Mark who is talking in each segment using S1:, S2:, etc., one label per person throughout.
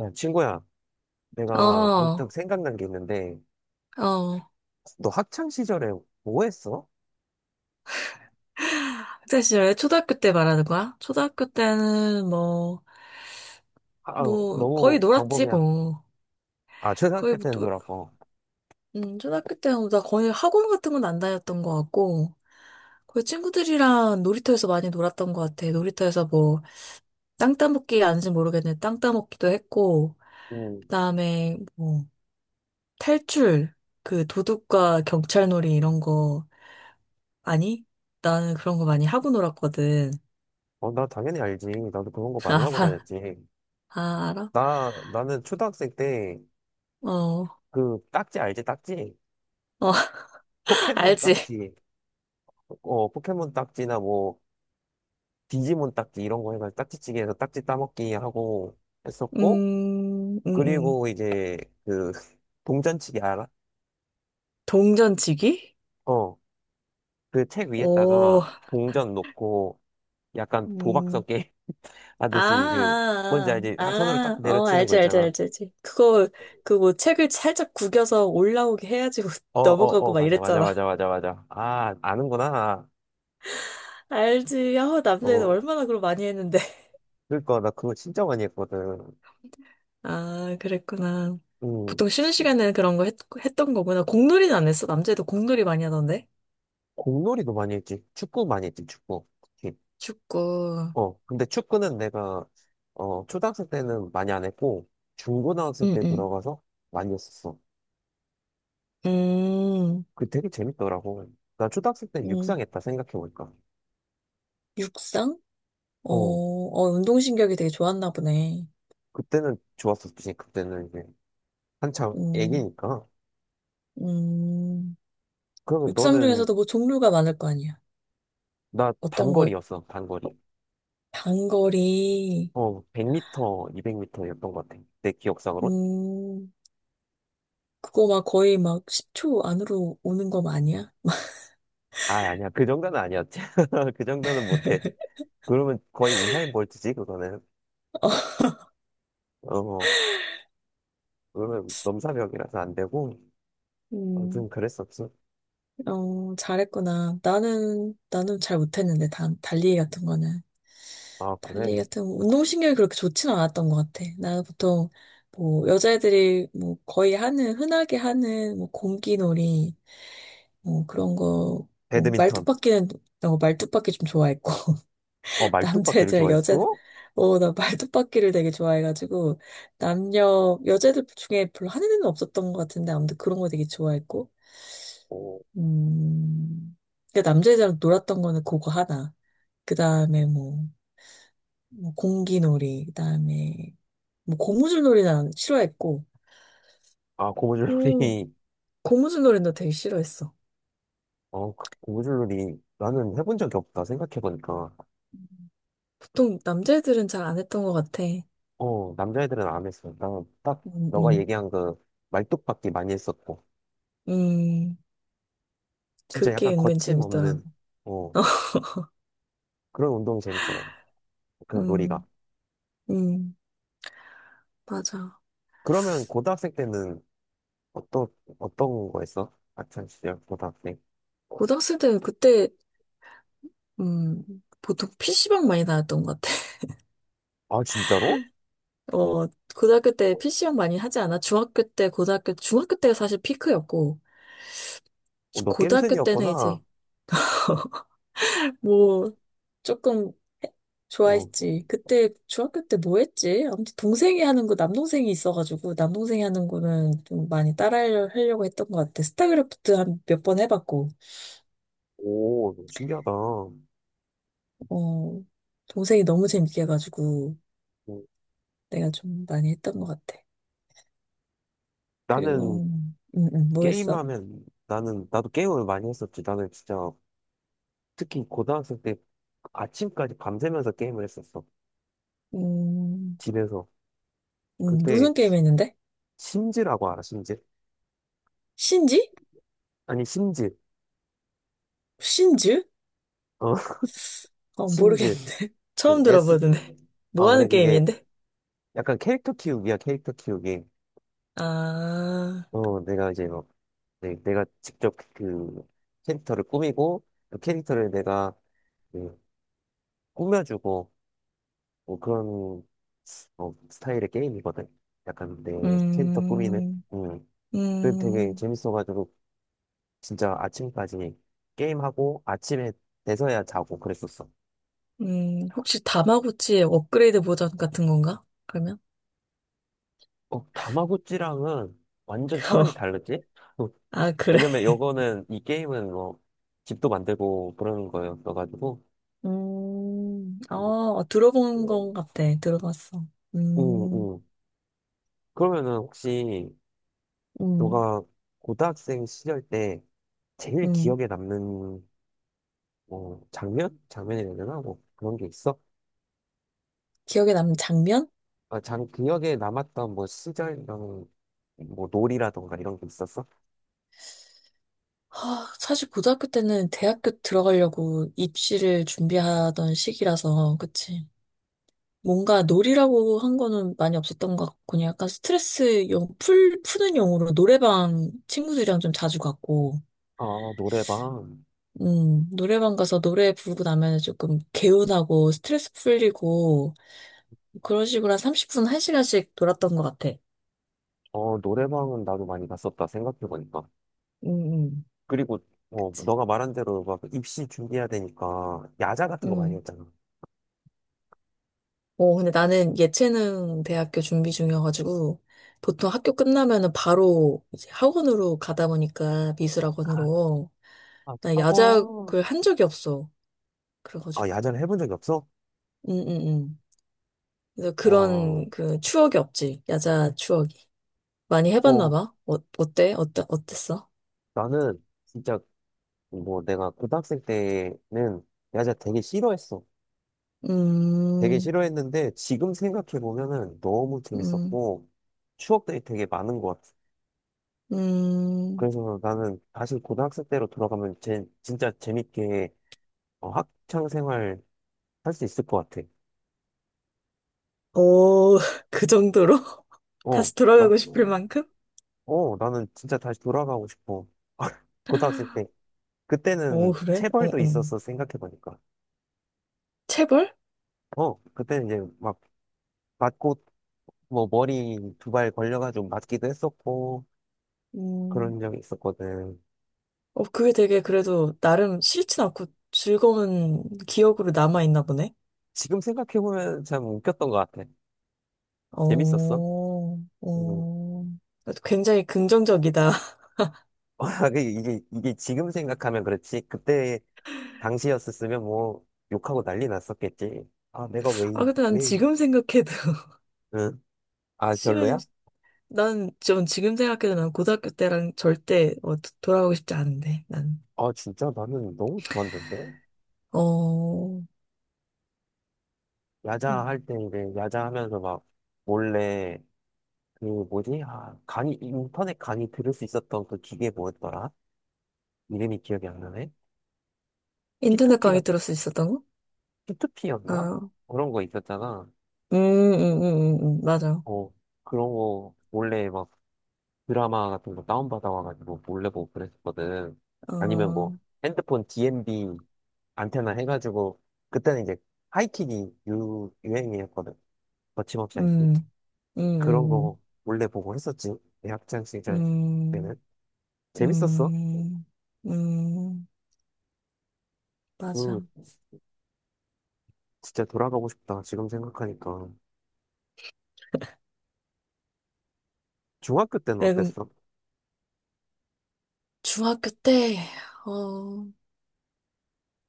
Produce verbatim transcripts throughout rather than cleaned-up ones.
S1: 야, 친구야, 내가
S2: 어,
S1: 문득 생각난 게 있는데,
S2: 어.
S1: 너 학창 시절에 뭐 했어?
S2: 학창 시절, 초등학교 때 말하는 거야? 초등학교 때는 뭐,
S1: 아, 어,
S2: 뭐, 거의
S1: 너무
S2: 놀았지,
S1: 광범위한.
S2: 뭐.
S1: 아,
S2: 거의
S1: 초등학교
S2: 뭐,
S1: 때는
S2: 놀-
S1: 놀았고.
S2: 음, 초등학교 때는 뭐 나 거의 학원 같은 건 안 다녔던 것 같고, 거의 친구들이랑 놀이터에서 많이 놀았던 것 같아. 놀이터에서 뭐, 땅 따먹기 아닌지 모르겠는데, 땅 따먹기도 했고,
S1: 음,
S2: 그다음에 뭐, 탈출, 그 도둑과 경찰놀이 이런 거, 아니? 나는 그런 거 많이 하고 놀았거든.
S1: 어, 나 당연히 알지. 나도 그런 거 많이 하고
S2: 아,
S1: 다녔지.
S2: 아, 알아?
S1: 나, 나는 초등학생 때,
S2: 어.
S1: 그, 딱지 알지? 딱지?
S2: 어.
S1: 포켓몬
S2: 알지?
S1: 딱지. 어, 포켓몬 딱지나 뭐, 디지몬 딱지 이런 거 해가지고 딱지찌개에서 딱지 따먹기 하고 했었고,
S2: 음, 음, 음.
S1: 그리고 이제, 그, 동전치기 알아?
S2: 동전치기?
S1: 어. 그 책
S2: 오,
S1: 위에다가 동전 놓고 약간
S2: 음,
S1: 도박성 게임
S2: 아,
S1: 하듯이 그 뭔지
S2: 아,
S1: 알지? 한 손으로 딱
S2: 아, 아, 어,
S1: 내려치는 거
S2: 알지, 알지,
S1: 있잖아.
S2: 알지, 알지. 그거, 그 뭐 책을 살짝 구겨서 올라오게 해야지
S1: 어, 어,
S2: 넘어가고
S1: 어,
S2: 막
S1: 맞아, 맞아,
S2: 이랬잖아.
S1: 맞아, 맞아, 맞아. 아, 아는구나.
S2: 알지. 아, 남자애들
S1: 어,
S2: 얼마나 그걸 많이 했는데.
S1: 그러니까 나 그거 진짜 많이 했거든.
S2: 아, 그랬구나.
S1: 음,
S2: 보통 쉬는 시간에는 그런 거 했, 했던 거구나. 공놀이는 안 했어? 남자애들 공놀이 많이 하던데?
S1: 공놀이도 많이 했지. 축구 많이 했지, 축구. 특히.
S2: 축구.
S1: 어, 근데 축구는 내가 어 초등학생 때는 많이 안 했고 중고등학생
S2: 응,
S1: 때
S2: 응.
S1: 들어가서 많이 했었어.
S2: 음,
S1: 그 되게 재밌더라고. 나 초등학생 때
S2: 음,
S1: 육상했다 생각해보니까.
S2: 육상? 어,
S1: 어.
S2: 어, 운동신경이 되게 좋았나 보네.
S1: 그때는 좋았었지. 그때는 이제 한창
S2: 음,
S1: 애기니까.
S2: 음,
S1: 그러면
S2: 육상
S1: 너는
S2: 중에서도 뭐 종류가 많을 거 아니야.
S1: 나
S2: 어떤 거,
S1: 단거리였어. 단거리.
S2: 단거리,
S1: 어, 백 미터, 이백 미터였던 것 같아. 내 기억상으로.
S2: 음, 그거 막 거의 막 십 초 안으로 오는 거 아니야?
S1: 아, 아니야. 그 정도는 아니었지. 그 정도는 못해. 그러면 거의 우사인 볼트지, 그거는. 어, 그러면 넘사벽이라서 안 되고. 아무튼
S2: 음,
S1: 그랬었지.
S2: 어, 잘했구나. 나는, 나는 잘 못했는데, 단, 달리기 같은 거는.
S1: 아, 그래.
S2: 달리 같은 운동신경이 그렇게 좋지는 않았던 것 같아. 나는 보통 뭐 여자애들이 뭐 거의 하는 흔하게 하는 뭐 공기놀이 뭐 그런 거, 뭐
S1: 배드민턴.
S2: 말뚝박기는 어, 말뚝박기 좀 좋아했고
S1: 어, 말뚝박기를
S2: 남자애들 여자
S1: 좋아했어?
S2: 어, 나 말뚝박기를 되게 좋아해가지고 남녀 여자애들 중에 별로 하는 애는 없었던 것 같은데 아무튼 그런 거 되게 좋아했고
S1: 어,
S2: 음 그러니까 남자애들이랑 놀았던 거는 그거 하나. 그 다음에 뭐. 뭐 공기놀이, 그다음에 뭐 고무줄놀이는 안- 싫어했고,
S1: 아, 고무줄놀이.
S2: 오, 고무줄놀이나 되게 싫어했어.
S1: 어, 그 고무줄놀이. 나는 해본 적이 없다, 생각해보니까.
S2: 보통 남자애들은 잘 안 했던 것 같아.
S1: 어, 남자애들은 안 했어. 나는 딱
S2: 음,
S1: 너가
S2: 음,
S1: 얘기한 그 말뚝박기 많이 했었고,
S2: 음,
S1: 진짜
S2: 그게
S1: 약간
S2: 은근 재밌더라고.
S1: 거침없는, 어, 그런 운동이 재밌더라고. 그런 놀이가.
S2: 음, 음, 맞아.
S1: 그러면 고등학생 때는 어떤, 어떤 거 했어? 아참, 진짜 고등학생.
S2: 고등학생 때 그때, 음, 보통 피씨방 많이 나왔던 것 같아.
S1: 아, 진짜로?
S2: 어, 고등학교 때 피씨방 많이 하지 않아? 중학교 때, 고등학교, 중학교 때가 사실 피크였고,
S1: 어, 너
S2: 고등학교 때는
S1: 겜슨이었구나.
S2: 이제, 뭐, 조금
S1: 어,
S2: 좋아했지. 그때 중학교 때 뭐 했지? 아무튼 동생이 하는 거 남동생이 있어가지고 남동생이 하는 거는 좀 많이 따라하려고 했던 것 같아. 스타크래프트 한 몇 번 해봤고,
S1: 오, 신기하다. 어,
S2: 어, 동생이 너무 재밌게 해가지고 내가 좀 많이 했던 것 같아.
S1: 나는
S2: 그리고 음, 음, 뭐 했어?
S1: 게임하면, 나는, 나도 게임을 많이 했었지. 나는 진짜, 특히 고등학생 때 아침까지 밤새면서 게임을 했었어.
S2: 음,
S1: 집에서.
S2: 음,
S1: 그때
S2: 무슨 게임 했는데?
S1: 심지라고 알아, 심지.
S2: 신지?
S1: 아니, 심지.
S2: 신즈?
S1: 어,
S2: 어,
S1: 심지.
S2: 모르겠는데.
S1: 그
S2: 처음
S1: S.
S2: 들어보는데.
S1: 아,
S2: 뭐
S1: 그래.
S2: 하는
S1: 이게
S2: 게임인데?
S1: 약간 캐릭터 키우기야, 캐릭터 키우기.
S2: 아,
S1: 어, 내가 이제 뭐, 내, 내가 직접 그 캐릭터를 꾸미고, 그 캐릭터를 내가 그 꾸며주고, 뭐 그런 어, 스타일의 게임이거든. 약간 내 캐릭터 꾸미는.
S2: 음,
S1: 음. 그 되게
S2: 음.
S1: 재밌어가지고, 진짜 아침까지 게임하고, 아침에 돼서야 자고 그랬었어.
S2: 음, 혹시 다마고치의 업그레이드 버전 같은 건가? 그러면?
S1: 어, 다마고찌랑은 완전 차원이
S2: 어,
S1: 다르지? 어,
S2: 아, 그래.
S1: 왜냐면 요거는 이 게임은 뭐 집도 만들고 그러는 거였어가지고.
S2: 음,
S1: 음.
S2: 어, 들어본 것 같아. 들어봤어.
S1: 응,
S2: 음,
S1: 응. 그러면은 혹시
S2: 음,
S1: 너가 고등학생 시절 때 제일
S2: 음.
S1: 기억에 남는 뭐 장면? 장면이라 해야 되나? 뭐 그런 게 있어?
S2: 기억에 남는 장면?
S1: 아, 장, 기억에 남았던 뭐 시절 이런 뭐 놀이라던가 이런 게 있었어?
S2: 아, 사실 고등학교 때는 대학교 들어가려고 입시를 준비하던 시기라서, 그치. 뭔가 놀이라고 한 거는 많이 없었던 것 같고, 그냥 약간 스트레스 용, 풀, 푸는 용으로 노래방 친구들이랑 좀 자주 갔고,
S1: 아, 노래방.
S2: 음, 노래방 가서 노래 부르고 나면 조금 개운하고 스트레스 풀리고 그런 식으로 한 삼십 분, 한 시간씩 놀았던 것 같아.
S1: 어, 노래방은 나도 많이 갔었다, 생각해보니까.
S2: 음, 음.
S1: 그리고, 어,
S2: 그치.
S1: 너가 말한 대로 막 입시 준비해야 되니까, 야자 같은 거 많이
S2: 음.
S1: 했잖아.
S2: 어, 근데 나는 예체능 대학교 준비 중이어가지고 보통 학교 끝나면은 바로 이제 학원으로 가다 보니까
S1: 아,
S2: 미술학원으로
S1: 아,
S2: 나
S1: 하고,
S2: 야작을 한 적이 없어.
S1: 아,
S2: 그래가지고.
S1: 야자를 해본 적이 없어?
S2: 음, 음, 음. 그래서
S1: 와,
S2: 그런 그 추억이 없지. 야자 추억이. 많이 해봤나
S1: 어,
S2: 봐. 어, 어때? 어때? 어땠어?
S1: 나는 진짜 뭐 내가 고등학생 때는 야자 되게 싫어했어. 되게
S2: 음,
S1: 싫어했는데 지금 생각해보면은 너무
S2: 음,
S1: 재밌었고 추억들이 되게 많은 것 같아.
S2: 음,
S1: 그래서 나는 다시 고등학생 때로 돌아가면 제, 진짜 재밌게 어, 학창 생활 할 수 있을 것 같아.
S2: 오, 그 정도로?
S1: 어,
S2: 다시
S1: 나,
S2: 돌아가고 싶을 만큼?
S1: 어, 나는 진짜 다시 돌아가고 싶어. 고등학생 때.
S2: 오,
S1: 그때는
S2: 그래? 어, 어.
S1: 체벌도 있었어, 생각해보니까.
S2: 체벌?
S1: 어, 그때는 이제 막 맞고, 뭐 머리 두발 걸려가지고 맞기도 했었고,
S2: 음,
S1: 그런 적이 있었거든.
S2: 어, 그게 되게 그래도 나름 싫진 않고 즐거운 기억으로 남아있나 보네?
S1: 지금 생각해보면 참 웃겼던 것 같아. 재밌었어.
S2: 어,
S1: 음.
S2: 어. 굉장히 긍정적이다.
S1: 이게, 이게 이게 지금 생각하면 그렇지. 그때 당시였었으면 뭐 욕하고 난리 났었겠지. 아, 내가 왜,
S2: 아,
S1: 이-
S2: 근데 난
S1: 왜 이래.
S2: 지금 생각해도,
S1: 응? 아,
S2: 싫은,
S1: 별로야?
S2: 난 좀 지금 생각해도 난 고등학교 때랑 절대 어, 도- 돌아가고 싶지 않은데, 난.
S1: 아, 진짜 나는 너무 좋았는데?
S2: 어,
S1: 야자 할 때 이제 야자 하면서 막 몰래 그 뭐지? 아, 강의, 인터넷 강의 들을 수 있었던 그 기계 뭐였더라? 이름이 기억이 안 나네?
S2: 인터넷
S1: 피투피가
S2: 강의 들을 수 있었다고?
S1: 피투피였나?
S2: 아,
S1: 그런 거 있었잖아.
S2: 음, 음, 음, 음, 음, 맞아.
S1: 어, 그런 거 몰래 막 드라마 같은 거 다운받아와가지고 몰래 보고 그랬었거든. 아니면 뭐
S2: 어,
S1: 핸드폰 디엠비 안테나 해가지고 그때는 이제 하이킥이 유, 유행이었거든. 거침없이 하이킥.
S2: 음, 음,
S1: 그런
S2: 음,
S1: 거 몰래 보고 했었지. 내 학창 시절
S2: 음,
S1: 때는. 재밌었어.
S2: 음, 음, 음, 맞아.
S1: 그, 진짜 돌아가고 싶다. 지금 생각하니까. 중학교 때는
S2: 내가
S1: 어땠어?
S2: 중학교 때, 어,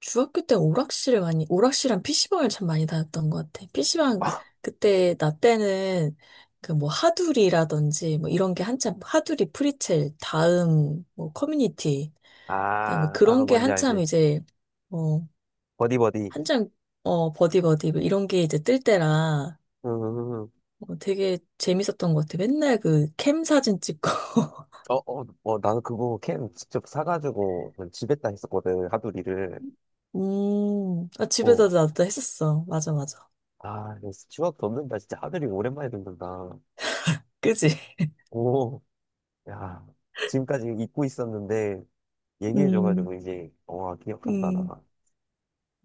S2: 중학교 때 오락실을 많이, 오락실이랑 피씨방을 참 많이 다녔던 것 같아. 피씨방, 그때, 나 때는, 그 뭐, 하두리라든지, 뭐, 이런 게 한참, 하두리, 프리첼, 다음, 뭐, 커뮤니티, 그다음에
S1: 아, 아,
S2: 그런 게
S1: 뭔지
S2: 한참
S1: 알지.
S2: 이제, 어,
S1: 버디버디.
S2: 한장 어 버디 버디 뭐 이런 게 이제 뜰 때라
S1: 음,
S2: 어, 되게 재밌었던 것 같아. 맨날 그 캠 사진 찍고.
S1: 어, 어, 어, 나는 그거 캔 직접 사가지고 그냥 집에다 했었거든. 하두리를.
S2: 음, 아,
S1: 어.
S2: 집에서 나도 했었어. 맞아, 맞아.
S1: 아, 이거 추억 돋는다. 진짜 하두리 오랜만에 듣는다.
S2: 그지?
S1: 오, 야. 지금까지 잊고 있었는데,
S2: 음,
S1: 얘기해줘가지고 이제, 와, 기억한다,
S2: 음,
S1: 나.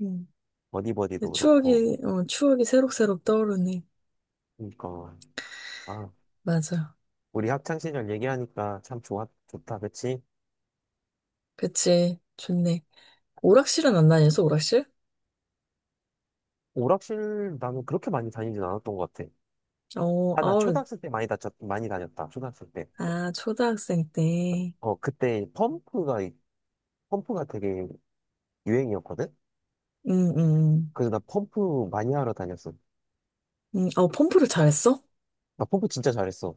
S2: 음.
S1: 버디버디도 그렇고.
S2: 추억이, 어, 추억이 새록새록 떠오르네.
S1: 그니까. 아,
S2: 맞아.
S1: 우리 학창시절 얘기하니까 참 좋아, 좋다, 그치?
S2: 그치. 좋네. 오락실은 안 다녔어, 오락실?
S1: 오락실 나는 그렇게 많이 다니진 않았던 것 같아.
S2: 어,
S1: 아, 나
S2: 아우,
S1: 초등학생 때 많이 다녔, 많이 다녔다, 초등학생 때.
S2: 아, 초등학생 때.
S1: 어, 그때 펌프가, 펌프가 되게 유행이었거든?
S2: 음, 음, 음.
S1: 그래서 나 펌프 많이 하러 다녔어.
S2: 음, 어, 펌프를 잘했어?
S1: 나 펌프 진짜 잘했어.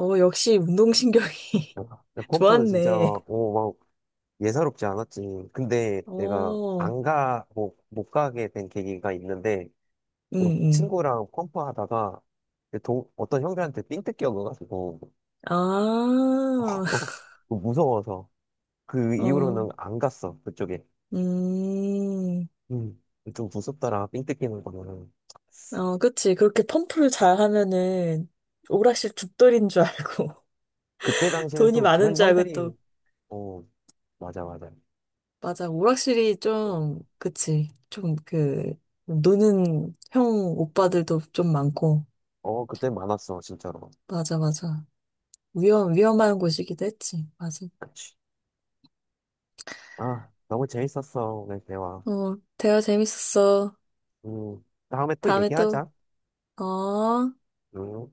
S2: 어, 역시 운동신경이
S1: 어, 나 펌프는 진짜,
S2: 좋았네.
S1: 오, 막, 예사롭지 않았지. 근데 내가
S2: 어,
S1: 안 가, 뭐, 못 가게 된 계기가 있는데,
S2: 응, 응.
S1: 친구랑 펌프 하다가 그 동, 어떤 형들한테 삥 뜯겨 가지고
S2: 아,
S1: 무서워서 그
S2: 어,
S1: 이후로는 안 갔어 그쪽에.
S2: 음,
S1: 음, 좀 무섭더라 삥 뜯기는 거는.
S2: 어, 그치. 그렇게 펌프를 잘 하면은 오락실 죽돌인 줄 알고,
S1: 그때 당시에는
S2: 돈이
S1: 또
S2: 많은
S1: 그런
S2: 줄 알고
S1: 형들이
S2: 또,
S1: 어 맞아 맞아.
S2: 맞아. 오락실이 좀, 그치. 좀 그, 노는 형 오빠들도 좀 많고,
S1: 어 그때 많았어 진짜로.
S2: 맞아, 맞아. 위험, 위험한 곳이기도 했지. 맞아.
S1: 그치. 아 너무 재밌었어 오늘 대화.
S2: 어, 대화 재밌었어.
S1: 음. 다음에 또
S2: 다음에 또,
S1: 얘기하자.
S2: 어.
S1: 음.